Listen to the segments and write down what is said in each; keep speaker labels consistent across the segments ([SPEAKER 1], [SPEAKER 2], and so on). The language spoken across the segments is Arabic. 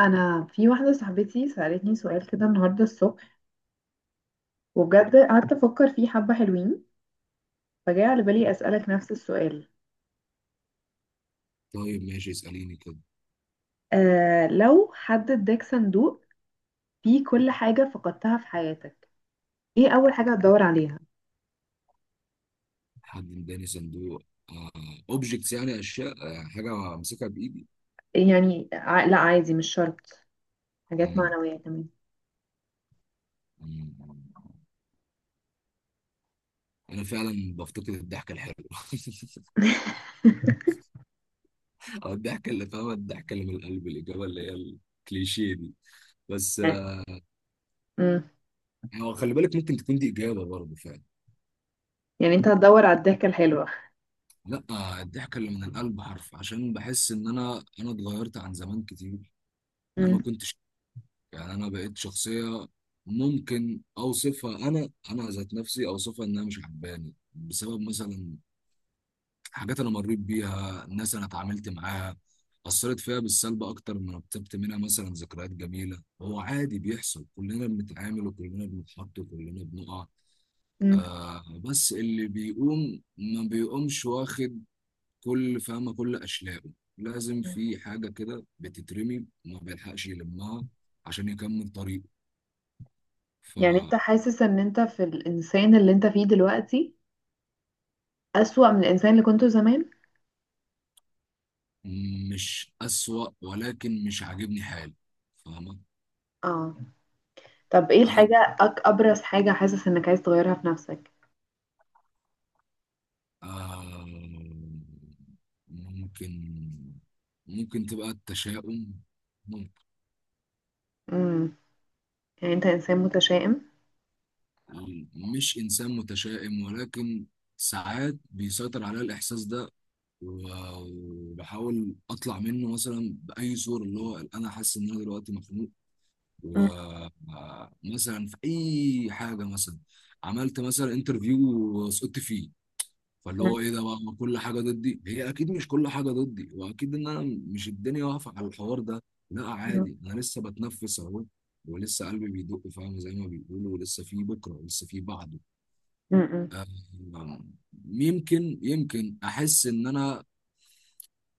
[SPEAKER 1] انا في واحده صاحبتي سالتني سؤال كده النهارده الصبح، وبجد قعدت افكر فيه حبه حلوين. فجاء على بالي اسالك نفس السؤال.
[SPEAKER 2] طيب ماشي اسأليني كده.
[SPEAKER 1] آه، لو حد اداك صندوق فيه كل حاجه فقدتها في حياتك، ايه اول حاجه هتدور عليها؟
[SPEAKER 2] حد اداني صندوق اوبجكتس، يعني اشياء. آه، حاجه امسكها بايدي.
[SPEAKER 1] لا عادي مش شرط، حاجات
[SPEAKER 2] مم،
[SPEAKER 1] معنويه كمان.
[SPEAKER 2] مم، مم. انا فعلا بفتقد الضحكه الحلوه او الضحكه اللي فاهمه، الضحكه اللي من القلب، الاجابه اللي هي الكليشيه دي. بس
[SPEAKER 1] يعني امم
[SPEAKER 2] هو خلي بالك ممكن تكون دي اجابه برضه فعلا.
[SPEAKER 1] يعني انت هتدور على الضحكه الحلوه؟
[SPEAKER 2] لا، الضحكه اللي من القلب حرف، عشان بحس ان انا اتغيرت عن زمان كتير. انا ما
[SPEAKER 1] امم.
[SPEAKER 2] كنتش، يعني انا بقيت شخصيه ممكن اوصفها، انا ذات نفسي اوصفها انها مش عجباني، بسبب مثلا حاجات انا مريت بيها، ناس انا اتعاملت معاها اثرت فيها بالسلب اكتر ما رتبت منها مثلا ذكريات جميله. هو عادي بيحصل، كلنا بنتعامل وكلنا بنتحط وكلنا بنقع.
[SPEAKER 1] امم.
[SPEAKER 2] آه، بس اللي بيقوم ما بيقومش واخد كل، فاهمه، كل اشلاءه. لازم في حاجه كده بتترمي ما بيلحقش يلمها عشان يكمل
[SPEAKER 1] يعني انت
[SPEAKER 2] طريقه.
[SPEAKER 1] حاسس ان انت في الانسان اللي انت فيه دلوقتي اسوأ من الانسان اللي كنته زمان؟
[SPEAKER 2] مش أسوأ، ولكن مش عاجبني حالي، فاهمة.
[SPEAKER 1] اه. طب ايه
[SPEAKER 2] أنا،
[SPEAKER 1] الحاجة أبرز حاجة حاسس انك عايز تغيرها في نفسك؟
[SPEAKER 2] آه، ممكن، ممكن تبقى التشاؤم، ممكن.
[SPEAKER 1] امم يعني انت انسان متشائم؟
[SPEAKER 2] مش إنسان متشائم، ولكن ساعات بيسيطر عليا الإحساس ده، و- وبحاول أطلع منه مثلا بأي صورة، اللي هو أنا حاسس إن أنا دلوقتي مخنوق.
[SPEAKER 1] امم.
[SPEAKER 2] ومثلا في أي حاجة، مثلا عملت مثلا انترفيو وسقطت فيه، فاللي هو ايه ده بقى، ما كل حاجه ضدي، هي اكيد مش كل حاجه ضدي، واكيد ان انا مش الدنيا واقفه على الحوار ده. لا
[SPEAKER 1] امم.
[SPEAKER 2] عادي، انا لسه بتنفس اهو، ولسه قلبي بيدق، فاهم، زي ما بيقولوا، ولسه في بكره ولسه في بعده.
[SPEAKER 1] امم.
[SPEAKER 2] يمكن احس ان انا،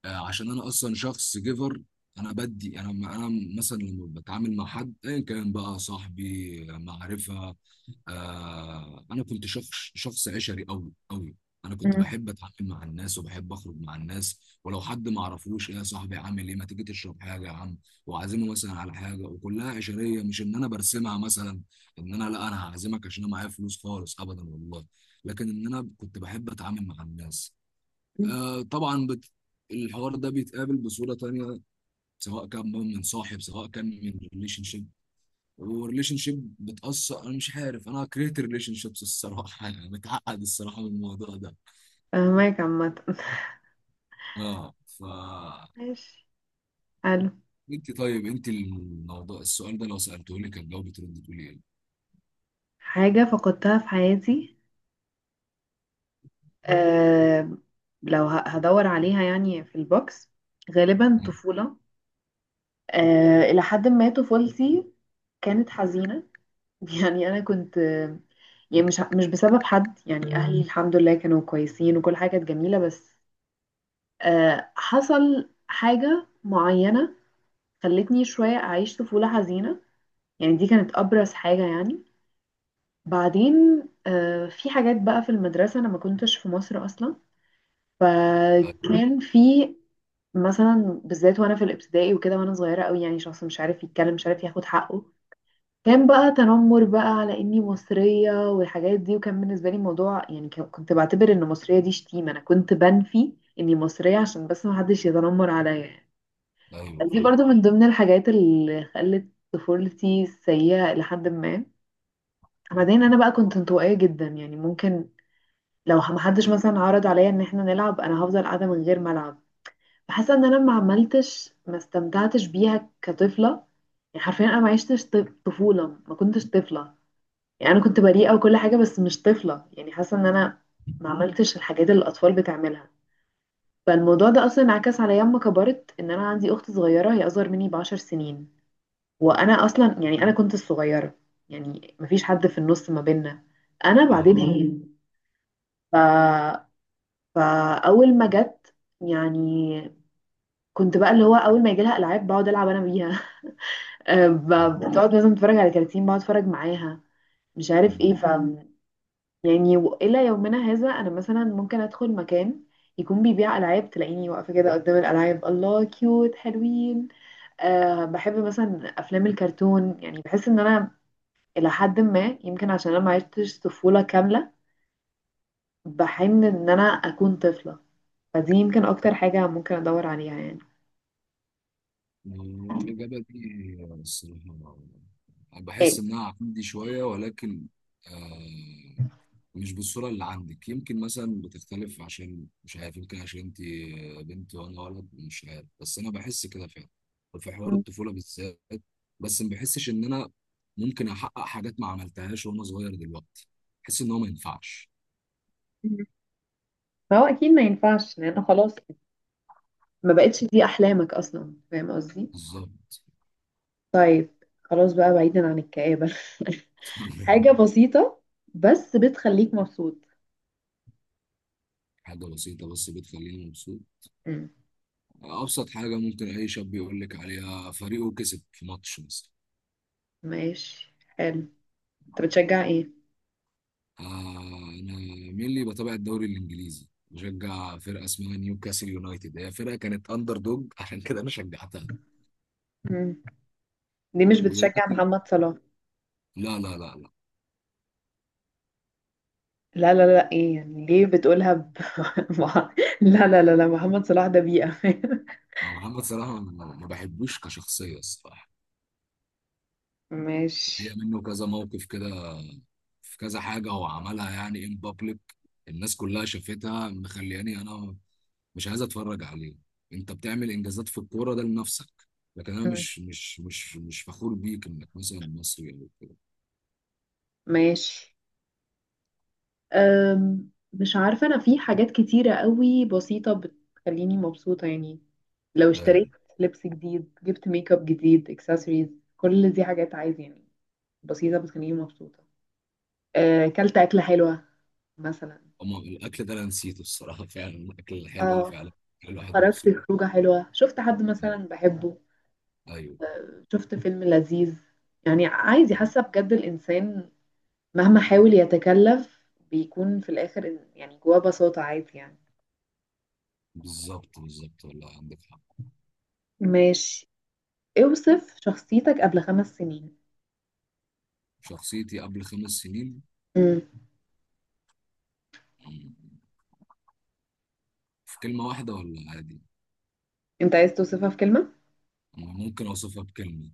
[SPEAKER 2] آه، عشان انا اصلا شخص جيفر. انا بدي انا، انا مثلا لما بتعامل مع حد ايا كان بقى، صاحبي، معرفه، آه، انا كنت شخص، شخص عشري قوي قوي. انا كنت
[SPEAKER 1] امم.
[SPEAKER 2] بحب اتعامل مع الناس وبحب اخرج مع الناس، ولو حد ما اعرفوش، ايه يا صاحبي، عامل ايه، ما تيجي تشرب حاجه يا عم، واعزمه مثلا على حاجه، وكلها عشريه. مش ان انا برسمها مثلا ان انا، لا، انا هعزمك عشان انا معايا فلوس، خالص ابدا والله، لكن ان انا كنت بحب اتعامل مع الناس. آه طبعا الحوار ده بيتقابل بصورة تانية، سواء كان بقى من صاحب، سواء كان من ريليشن شيب. والريليشن شيب بتأثر، أنا مش عارف، أنا كرهت الريليشن شيبس الصراحة يعني متعقد الصراحة من الموضوع ده.
[SPEAKER 1] فهمك عامة.
[SPEAKER 2] اه ف،
[SPEAKER 1] ماشي، حلو.
[SPEAKER 2] انت طيب، انت الموضوع، السؤال ده لو سألته لك كان جاوبت، ترد تقولي ايه؟
[SPEAKER 1] حاجة فقدتها في حياتي. أه لو هدور عليها يعني في البوكس، غالبا
[SPEAKER 2] مم.
[SPEAKER 1] طفولة. أه، إلى حد ما طفولتي كانت حزينة. يعني أنا كنت يعني مش بسبب حد، يعني أهلي الحمد لله كانوا كويسين وكل حاجة كانت جميلة، بس حصل حاجة معينة خلتني شوية أعيش طفولة حزينة. يعني دي كانت أبرز حاجة يعني. بعدين في حاجات بقى في المدرسة، أنا ما كنتش في مصر أصلا،
[SPEAKER 2] آه،
[SPEAKER 1] فكان في مثلا بالذات وأنا في الابتدائي وكده وأنا صغيرة أوي، يعني شخص مش عارف يتكلم مش عارف ياخد حقه. كان بقى تنمر بقى على إني مصرية والحاجات دي، وكان بالنسبة لي موضوع، يعني كنت بعتبر إن مصرية دي شتيمة، أنا كنت بنفي إني مصرية عشان بس محدش يتنمر عليا يعني.
[SPEAKER 2] ايوه
[SPEAKER 1] دي برضو
[SPEAKER 2] فاهم.
[SPEAKER 1] من ضمن الحاجات اللي خلت طفولتي سيئة. لحد ما بعدين انا بقى كنت انطوائية جدا، يعني ممكن لو محدش مثلا عرض عليا ان احنا نلعب انا هفضل قاعدة من غير ما العب. بحس ان انا ما عملتش ما استمتعتش بيها كطفلة. يعني حرفيا انا ما عشتش طفولة، ما كنتش طفلة، يعني انا كنت بريئة وكل حاجة بس مش طفلة. يعني حاسة ان انا ما عملتش الحاجات اللي الاطفال بتعملها. فالموضوع ده اصلا انعكس عليا لما كبرت، ان انا عندي اخت صغيرة هي اصغر مني بـ10 سنين. وانا اصلا يعني انا كنت الصغيره، يعني مفيش حد في النص ما بيننا انا بعدين
[SPEAKER 2] اه.
[SPEAKER 1] هي. مم. ف... فاول ما جت، يعني كنت بقى اللي هو اول ما يجي لها العاب بقعد العب انا بيها.
[SPEAKER 2] آه، آه.
[SPEAKER 1] بتقعد مثلا تتفرج على كراتين بقعد اتفرج معاها. مش عارف ايه
[SPEAKER 2] مم.
[SPEAKER 1] ف يعني الى يومنا هذا انا مثلا ممكن ادخل مكان يكون بيبيع العاب تلاقيني واقفه كده قدام الالعاب، الله كيوت حلوين. أه بحب مثلا افلام الكرتون، يعني بحس ان انا إلى حد ما يمكن عشان أنا ما عشتش طفولة كاملة بحن إن أنا أكون طفلة. فدي يمكن أكتر حاجة ممكن أدور عليها يعني.
[SPEAKER 2] الإجابة دي الصراحة
[SPEAKER 1] إيه.
[SPEAKER 2] بحس إنها عندي شوية، ولكن آه، مش بالصورة اللي عندك. يمكن مثلا بتختلف، عشان مش عارف، يمكن عشان انت بنت وانا ولد، مش عارف، بس انا بحس كده فعلا. وفي حوار
[SPEAKER 1] مم.
[SPEAKER 2] الطفولة بالذات، بس ما بحسش ان انا ممكن احقق حاجات ما عملتهاش وانا صغير دلوقتي. بحس ان هو ما ينفعش.
[SPEAKER 1] فهو أكيد ما ينفعش لأن خلاص ما بقتش دي أحلامك أصلا، فاهم قصدي؟
[SPEAKER 2] بالظبط.
[SPEAKER 1] طيب، خلاص بقى بعيدا عن الكآبة. حاجة بسيطة بس بتخليك مبسوط.
[SPEAKER 2] حاجة بسيطة بس بتخليني مبسوط.
[SPEAKER 1] مم.
[SPEAKER 2] ابسط حاجة ممكن اي شاب يقول لك عليها، فريقه كسب في ماتش مثلا.
[SPEAKER 1] ماشي، حلو. أنت بتشجع إيه؟
[SPEAKER 2] آه، أنا، مين اللي بتابع الدوري الإنجليزي، بشجع فرقة اسمها نيوكاسل يونايتد، هي فرقة كانت أندر دوج عشان كده أنا شجعتها.
[SPEAKER 1] مم. دي مش بتشجع
[SPEAKER 2] ودلوقتي،
[SPEAKER 1] محمد صلاح؟
[SPEAKER 2] لا لا لا لا،
[SPEAKER 1] لا لا لا ايه يعني ليه بتقولها مع- لا لا لا لا محمد صلاح ده بيئة.
[SPEAKER 2] أنا محمد صلاح ما بحبوش كشخصية الصراحة. هي
[SPEAKER 1] ماشي.
[SPEAKER 2] منه كذا موقف كده، في كذا حاجة هو عملها، يعني إن بابليك، الناس كلها شافتها، مخلياني أنا مش عايز أتفرج عليه. أنت بتعمل إنجازات في الكورة ده لنفسك، لكن أنا
[SPEAKER 1] مم.
[SPEAKER 2] مش فخور بيك إنك مثلا مصري أو كده.
[SPEAKER 1] ماشي. مش عارفة انا في حاجات كتيرة قوي بسيطة بتخليني مبسوطة يعني، لو اشتريت
[SPEAKER 2] ايوه.
[SPEAKER 1] لبس جديد، جبت ميك اب جديد، اكسسوارز، كل دي حاجات عايز يعني بسيطة بتخليني مبسوطة. أه، اكلت أكلة حلوة مثلا.
[SPEAKER 2] أما الأكل ده أنا نسيته الصراحة فعلا الأكل حلوة
[SPEAKER 1] اه.
[SPEAKER 2] فعلا، الواحد
[SPEAKER 1] خرجت
[SPEAKER 2] مبسوط.
[SPEAKER 1] خروجة حلوة، شفت حد مثلا بحبه،
[SPEAKER 2] أيوه.
[SPEAKER 1] شفت فيلم لذيذ. يعني عايزة حاسة بجد الإنسان مهما حاول يتكلف بيكون في الآخر يعني جواه بساطة عادي يعني.
[SPEAKER 2] بالظبط، بالظبط، والله عندك حق.
[SPEAKER 1] ماشي. اوصف شخصيتك قبل 5 سنين.
[SPEAKER 2] شخصيتي قبل 5 سنين.
[SPEAKER 1] مم.
[SPEAKER 2] مم، في كلمة واحدة ولا عادي؟
[SPEAKER 1] انت عايز توصفها في كلمة؟
[SPEAKER 2] أنا ممكن أوصفها بكلمة.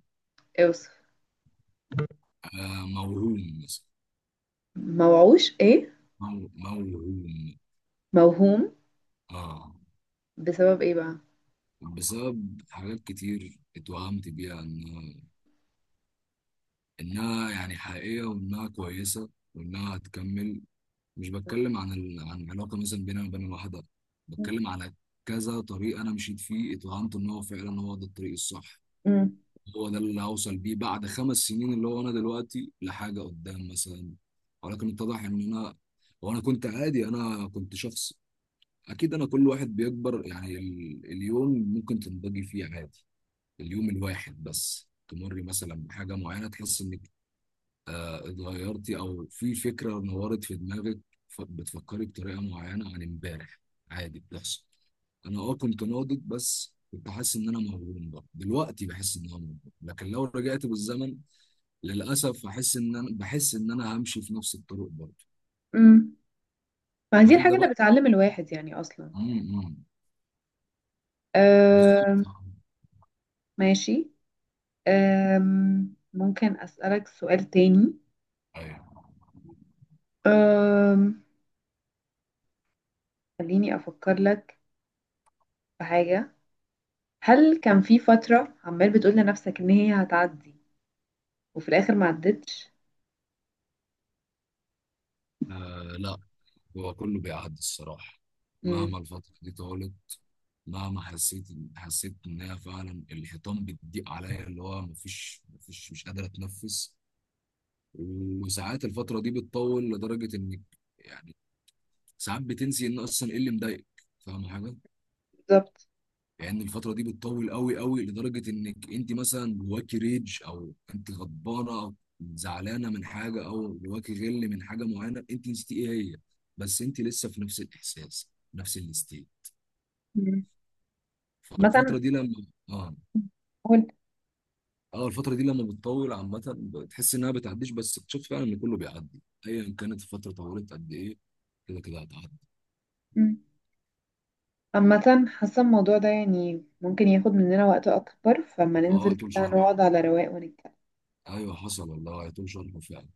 [SPEAKER 1] اوصف.
[SPEAKER 2] آه، موهوم مثلا.
[SPEAKER 1] موعوش ايه؟
[SPEAKER 2] موهوم.
[SPEAKER 1] موهوم؟
[SPEAKER 2] آه.
[SPEAKER 1] بسبب ايه بقى؟
[SPEAKER 2] بسبب حاجات كتير اتوهمت بيها إنها، إنها يعني حقيقية، وإنها كويسة، وإنها هتكمل. مش بتكلم عن عن علاقه مثلا بيني وبين واحده،
[SPEAKER 1] مم.
[SPEAKER 2] بتكلم على كذا طريق انا مشيت فيه، اتوهمت ان هو فعلا هو ده الطريق الصح،
[SPEAKER 1] مم.
[SPEAKER 2] هو ده اللي هوصل بيه بعد 5 سنين، اللي هو انا دلوقتي لحاجه قدام مثلا. ولكن اتضح ان انا، وانا كنت عادي، انا كنت شخص، اكيد انا، كل واحد بيكبر يعني، اليوم ممكن تنضجي فيه عادي، اليوم الواحد بس تمري مثلا بحاجه معينه، تحس انك اتغيرتي، او في فكره نورت في دماغك، بتفكري بطريقه معينه عن امبارح، عادي بتحصل. انا اه كنت ناضج، بس كنت حاسس ان انا مغروم. برضه دلوقتي بحس ان انا مغروم، لكن لو رجعت بالزمن للاسف هحس ان انا، بحس ان انا همشي في نفس الطريق برضه.
[SPEAKER 1] مم. ما دي
[SPEAKER 2] هل
[SPEAKER 1] الحاجة
[SPEAKER 2] ده
[SPEAKER 1] اللي
[SPEAKER 2] بقى،
[SPEAKER 1] بتعلم الواحد يعني أصلا.
[SPEAKER 2] امم،
[SPEAKER 1] أه.
[SPEAKER 2] بالظبط.
[SPEAKER 1] ماشي. ممكن أسألك سؤال تاني؟
[SPEAKER 2] ايوه.
[SPEAKER 1] أم، خليني أفكر لك في حاجة. هل كان في فترة عمال بتقول لنفسك إن هي هتعدي وفي الآخر ما عدتش؟
[SPEAKER 2] آه لا، هو كله بيعدي الصراحه،
[SPEAKER 1] امم
[SPEAKER 2] مهما الفتره دي طالت، مهما حسيت انها فعلا الحيطان بتضيق عليا، اللي هو مفيش مش قادر اتنفس. وساعات الفتره دي بتطول لدرجه انك، يعني ساعات بتنسي ان اصلا ايه اللي مضايقك، فاهم حاجه.
[SPEAKER 1] بالظبط.
[SPEAKER 2] يعني الفتره دي بتطول قوي قوي لدرجه انك انت مثلا جواكي ريج، او انت غضبانه او زعلانه من حاجه، او جواكي غل من حاجه معينه، انت نسيتي ايه هي، بس انت لسه في نفس الاحساس، نفس الاستيل.
[SPEAKER 1] امم. مثلا.
[SPEAKER 2] فالفتره دي لما، اه،
[SPEAKER 1] قول.
[SPEAKER 2] اه الفترة دي لما بتطول عامة بتحس انها بتعديش، بس بتشوف فعلا ان كله بيعدي، ايا كانت الفترة طولت قد ايه، كده كده هتعدي.
[SPEAKER 1] امم عامة حاسة الموضوع ده يعني ممكن ياخد مننا وقت أكبر، فما
[SPEAKER 2] اه
[SPEAKER 1] ننزل
[SPEAKER 2] طول
[SPEAKER 1] كده
[SPEAKER 2] شرح.
[SPEAKER 1] نقعد على رواق ونتكلم.
[SPEAKER 2] ايوه حصل والله، طول شرح فعلا.